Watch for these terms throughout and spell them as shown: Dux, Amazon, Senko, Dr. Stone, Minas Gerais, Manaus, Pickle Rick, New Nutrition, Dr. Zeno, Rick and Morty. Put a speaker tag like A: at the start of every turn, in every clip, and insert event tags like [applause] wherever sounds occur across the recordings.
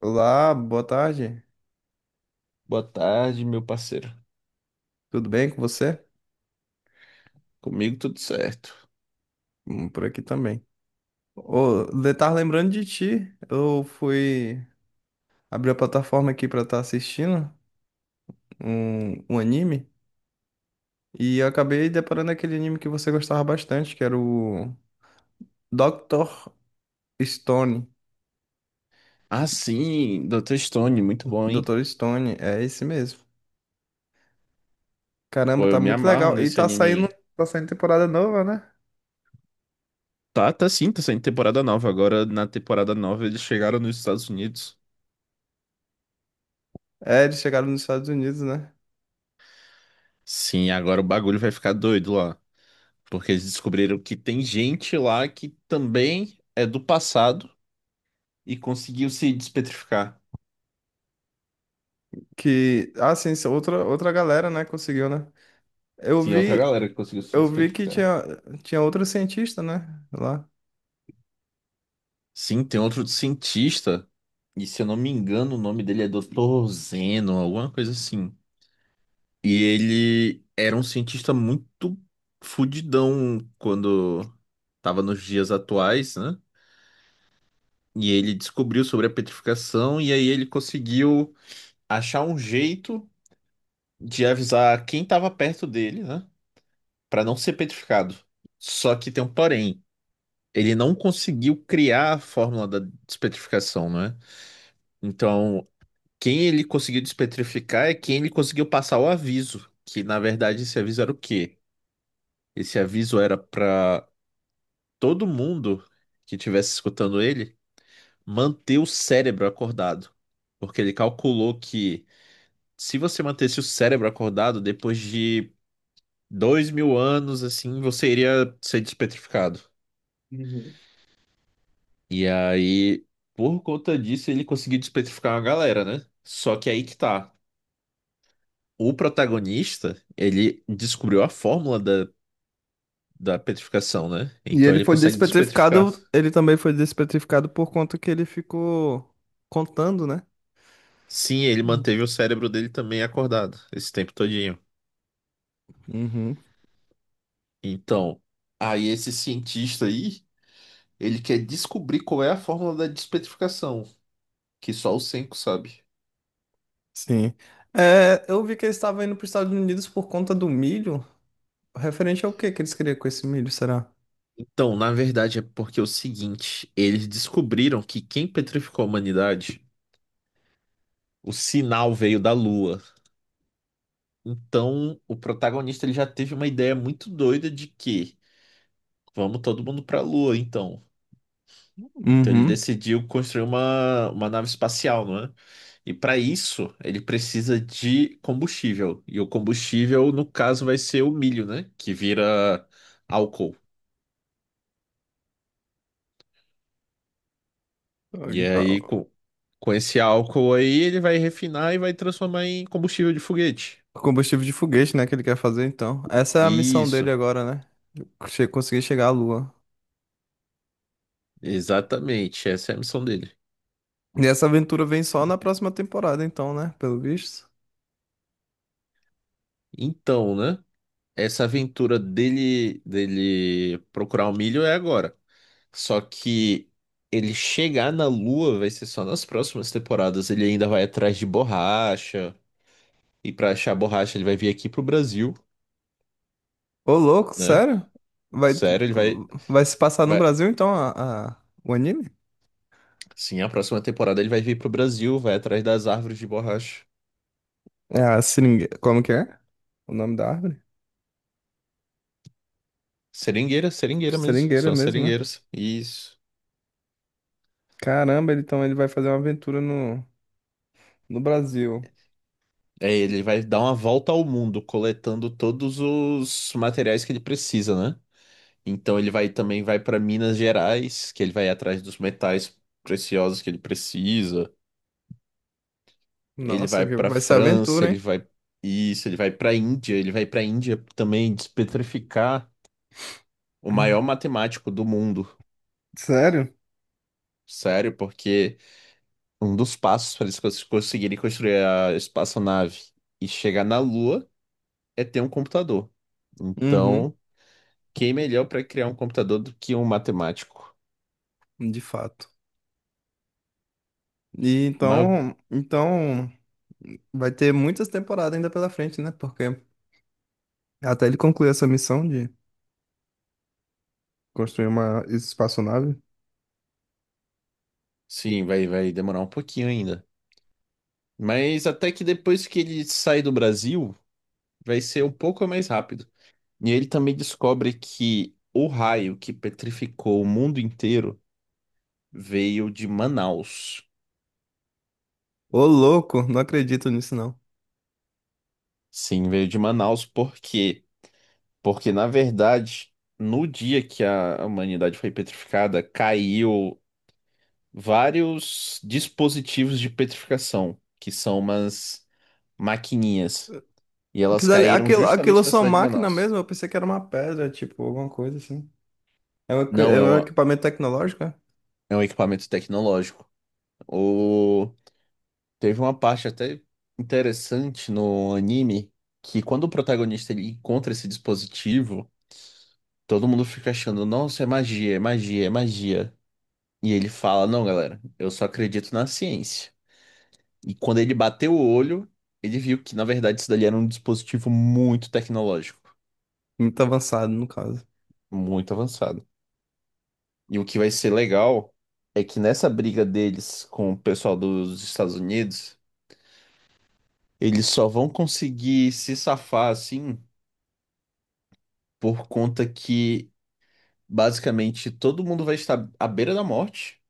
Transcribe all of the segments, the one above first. A: Olá, boa tarde.
B: Boa tarde, meu parceiro.
A: Tudo bem com você?
B: Comigo tudo certo.
A: Por aqui também. Ô, tava lembrando de ti. Eu fui abrir a plataforma aqui pra estar assistindo um anime e eu acabei deparando aquele anime que você gostava bastante, que era o Dr. Stone.
B: Ah, sim, Dr. Stone, muito bom, hein?
A: Dr. Stone, é esse mesmo. Caramba,
B: Pô, eu
A: tá
B: me
A: muito
B: amarro
A: legal. E
B: nesse anime aí.
A: tá saindo temporada nova, né?
B: Tá sim, tá saindo temporada nova. Agora, na temporada nova, eles chegaram nos Estados Unidos.
A: É, eles chegaram nos Estados Unidos, né?
B: Sim, agora o bagulho vai ficar doido lá. Porque eles descobriram que tem gente lá que também é do passado e conseguiu se despetrificar.
A: Ah, sim, isso é outra, outra galera, né, conseguiu, né? Eu
B: Sim, outra
A: vi,
B: galera que conseguiu se
A: eu vi que
B: despetrificar.
A: tinha outro cientista, né? Lá.
B: Sim, tem outro cientista, e se eu não me engano, o nome dele é Dr. Zeno, alguma coisa assim. E ele era um cientista muito fudidão quando estava nos dias atuais, né? E ele descobriu sobre a petrificação e aí ele conseguiu achar um jeito de avisar quem estava perto dele, né? Para não ser petrificado. Só que tem um porém. Ele não conseguiu criar a fórmula da despetrificação, né? Então, quem ele conseguiu despetrificar é quem ele conseguiu passar o aviso, que na verdade esse aviso era o quê? Esse aviso era para todo mundo que estivesse escutando ele manter o cérebro acordado. Porque ele calculou que se você mantesse o cérebro acordado, depois de 2.000 anos, assim, você iria ser despetrificado.
A: Uhum.
B: E aí, por conta disso, ele conseguiu despetrificar uma galera, né? Só que aí que tá. O protagonista, ele descobriu a fórmula da petrificação, né?
A: E
B: Então
A: ele
B: ele
A: foi
B: consegue despetrificar.
A: despetrificado, ele também foi despetrificado por conta que ele ficou contando, né?
B: Sim, ele manteve o cérebro dele também acordado esse tempo todo.
A: Uhum.
B: Então, aí esse cientista aí, ele quer descobrir qual é a fórmula da despetrificação, que só o Senko sabe.
A: Sim. É, eu vi que eles estavam indo para os Estados Unidos por conta do milho. Referente ao que eles queriam com esse milho, será?
B: Então, na verdade, é porque é o seguinte, eles descobriram que quem petrificou a humanidade, o sinal veio da Lua. Então, o protagonista ele já teve uma ideia muito doida de que vamos todo mundo pra Lua, então. Então ele
A: Uhum.
B: decidiu construir uma nave espacial, não é? E para isso, ele precisa de combustível. E o combustível, no caso, vai ser o milho, né? Que vira álcool. E aí, com esse álcool aí, ele vai refinar e vai transformar em combustível de foguete.
A: O combustível de foguete, né, que ele quer fazer, então. Essa é a missão
B: Isso,
A: dele agora, né? Conseguir chegar à Lua.
B: exatamente. Essa é a missão dele.
A: E essa aventura vem só na próxima temporada, então, né? Pelo visto.
B: Então, né? Essa aventura dele procurar o milho é agora. Só que ele chegar na Lua vai ser só nas próximas temporadas. Ele ainda vai atrás de borracha. E pra achar borracha, ele vai vir aqui pro Brasil,
A: Ô, louco,
B: né?
A: sério? Vai,
B: Sério, ele vai,
A: vai se passar no
B: vai.
A: Brasil, então, o anime?
B: Sim, a próxima temporada ele vai vir pro Brasil, vai atrás das árvores de borracha.
A: É a seringueira. Como que é? O nome da árvore?
B: Seringueira, seringueira mesmo.
A: Seringueira
B: São as
A: mesmo, né?
B: seringueiras. Isso.
A: Caramba, então ele vai fazer uma aventura no Brasil.
B: É, ele vai dar uma volta ao mundo, coletando todos os materiais que ele precisa, né? Então ele vai também vai para Minas Gerais, que ele vai atrás dos metais preciosos que ele precisa. Ele
A: Nossa,
B: vai
A: que
B: pra
A: vai ser
B: França,
A: aventura,
B: ele
A: hein?
B: vai isso, ele vai pra Índia também despetrificar o maior
A: [laughs]
B: matemático do mundo.
A: Sério?
B: Sério, porque um dos passos para eles conseguirem construir a espaçonave e chegar na Lua é ter um computador.
A: Uhum,
B: Então, quem melhor para criar um computador do que um matemático?
A: de fato. E
B: Mas,
A: então vai ter muitas temporadas ainda pela frente, né? Porque até ele concluir essa missão de construir uma espaçonave.
B: sim, vai demorar um pouquinho ainda. Mas até que depois que ele sai do Brasil, vai ser um pouco mais rápido. E ele também descobre que o raio que petrificou o mundo inteiro veio de Manaus.
A: Ô, louco, não acredito nisso, não.
B: Sim, veio de Manaus por quê? Porque, na verdade, no dia que a humanidade foi petrificada, caiu vários dispositivos de petrificação, que são umas maquininhas. E elas
A: Aquilo,
B: caíram
A: aquilo é
B: justamente na
A: só
B: cidade de
A: máquina
B: Manaus.
A: mesmo? Eu pensei que era uma pedra, tipo, alguma coisa assim.
B: Não,
A: É um equipamento tecnológico, é?
B: é um equipamento tecnológico. O Teve uma parte até interessante no anime que quando o protagonista ele encontra esse dispositivo, todo mundo fica achando, nossa, é magia, é magia, é magia. E ele fala, não, galera, eu só acredito na ciência. E quando ele bateu o olho, ele viu que, na verdade, isso dali era um dispositivo muito tecnológico,
A: Muito avançado, no caso.
B: muito avançado. E o que vai ser legal é que nessa briga deles com o pessoal dos Estados Unidos, eles só vão conseguir se safar assim por conta que basicamente todo mundo vai estar à beira da morte,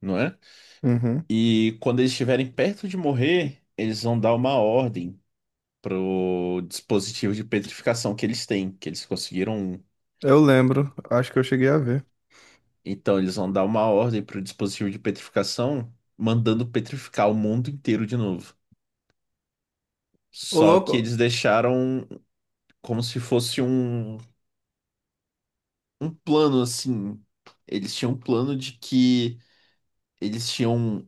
B: não é?
A: Uhum.
B: E quando eles estiverem perto de morrer, eles vão dar uma ordem pro dispositivo de petrificação que eles têm, que eles conseguiram.
A: Eu lembro, acho que eu cheguei a ver.
B: Então eles vão dar uma ordem pro dispositivo de petrificação, mandando petrificar o mundo inteiro de novo.
A: Ô,
B: Só que
A: louco!
B: eles deixaram como se fosse um plano assim. Eles tinham um plano de que eles tinham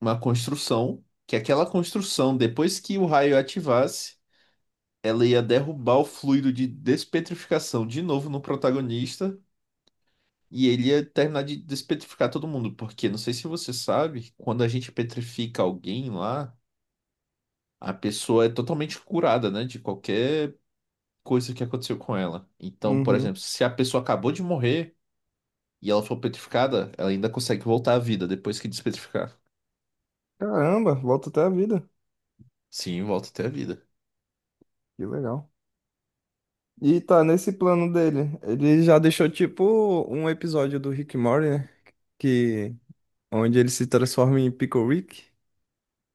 B: uma construção, que aquela construção, depois que o raio ativasse, ela ia derrubar o fluido de despetrificação de novo no protagonista. E ele ia terminar de despetrificar todo mundo, porque não sei se você sabe, quando a gente petrifica alguém lá, a pessoa é totalmente curada, né, de qualquer coisa que aconteceu com ela. Então, por
A: Uhum.
B: exemplo, se a pessoa acabou de morrer e ela for petrificada, ela ainda consegue voltar à vida depois que despetrificar.
A: Caramba, volta até a vida.
B: Sim, volta até a vida.
A: Que legal. E tá nesse plano dele. Ele já deixou, tipo, um episódio do Rick and Morty, né? Que, onde ele se transforma em Pickle Rick,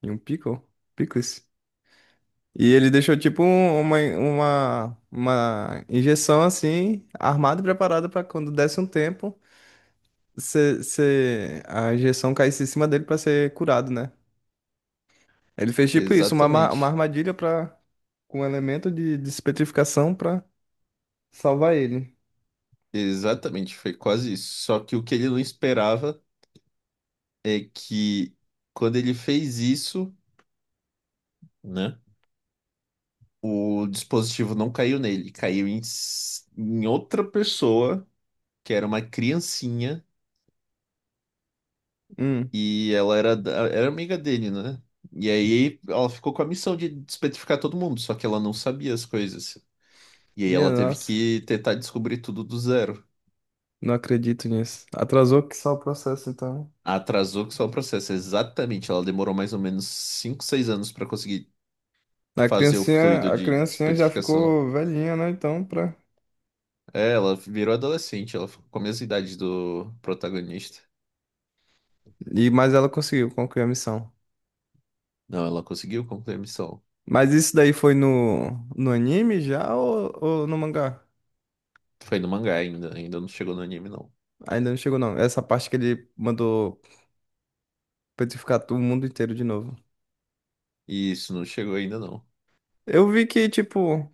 A: em um pickle, pickles. E ele deixou tipo uma injeção assim, armada e preparada para quando desse um tempo, a injeção caísse em cima dele para ser curado, né? Ele fez tipo isso, uma
B: Exatamente.
A: armadilha para com um elemento de despetrificação para salvar ele.
B: Exatamente, foi quase isso. Só que o que ele não esperava é que quando ele fez isso, né, o dispositivo não caiu nele, caiu em, em outra pessoa, que era uma criancinha,
A: Hum,
B: e ela era amiga dele, né? E aí ela ficou com a missão de despetrificar todo mundo, só que ela não sabia as coisas. E aí
A: minha
B: ela teve
A: nossa,
B: que tentar descobrir tudo do zero.
A: não acredito nisso. Atrasou que só o processo então.
B: Atrasou que só o processo, exatamente. Ela demorou mais ou menos 5 6 anos para conseguir fazer o fluido
A: A
B: de
A: criancinha já
B: despetrificação.
A: ficou velhinha, né? Então, pra...
B: É, ela virou adolescente, ela ficou com a mesma idade do protagonista.
A: E, mas ela conseguiu concluir a missão.
B: Não, ela conseguiu concluir a missão.
A: Mas isso daí foi no anime já ou no mangá?
B: Foi no mangá ainda, ainda não chegou no anime, não.
A: Ainda não chegou, não. Essa parte que ele mandou petrificar o mundo inteiro de novo.
B: Isso, não chegou ainda, não.
A: Eu vi que, tipo,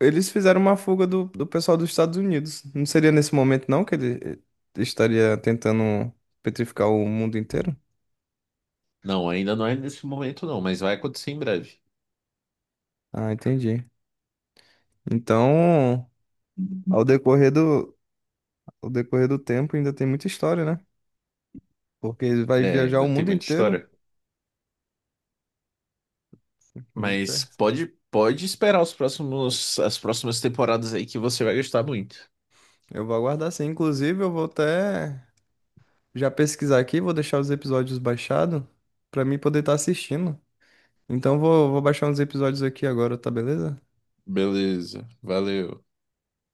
A: eles fizeram uma fuga do pessoal dos Estados Unidos. Não seria nesse momento, não, que ele estaria tentando petrificar o mundo inteiro?
B: Não, ainda não é nesse momento, não, mas vai acontecer em breve.
A: Ah, entendi. Então, ao decorrer do, ao decorrer do tempo, ainda tem muita história, né? Porque ele vai
B: É,
A: viajar o
B: ainda tem
A: mundo
B: muita
A: inteiro.
B: história. Mas
A: Muita.
B: pode esperar as próximas temporadas aí que você vai gostar muito.
A: Eu vou aguardar sim. Inclusive, eu vou até. Já pesquisar aqui, vou deixar os episódios baixados pra mim poder estar assistindo. Então vou baixar uns episódios aqui agora, tá beleza?
B: Beleza, valeu.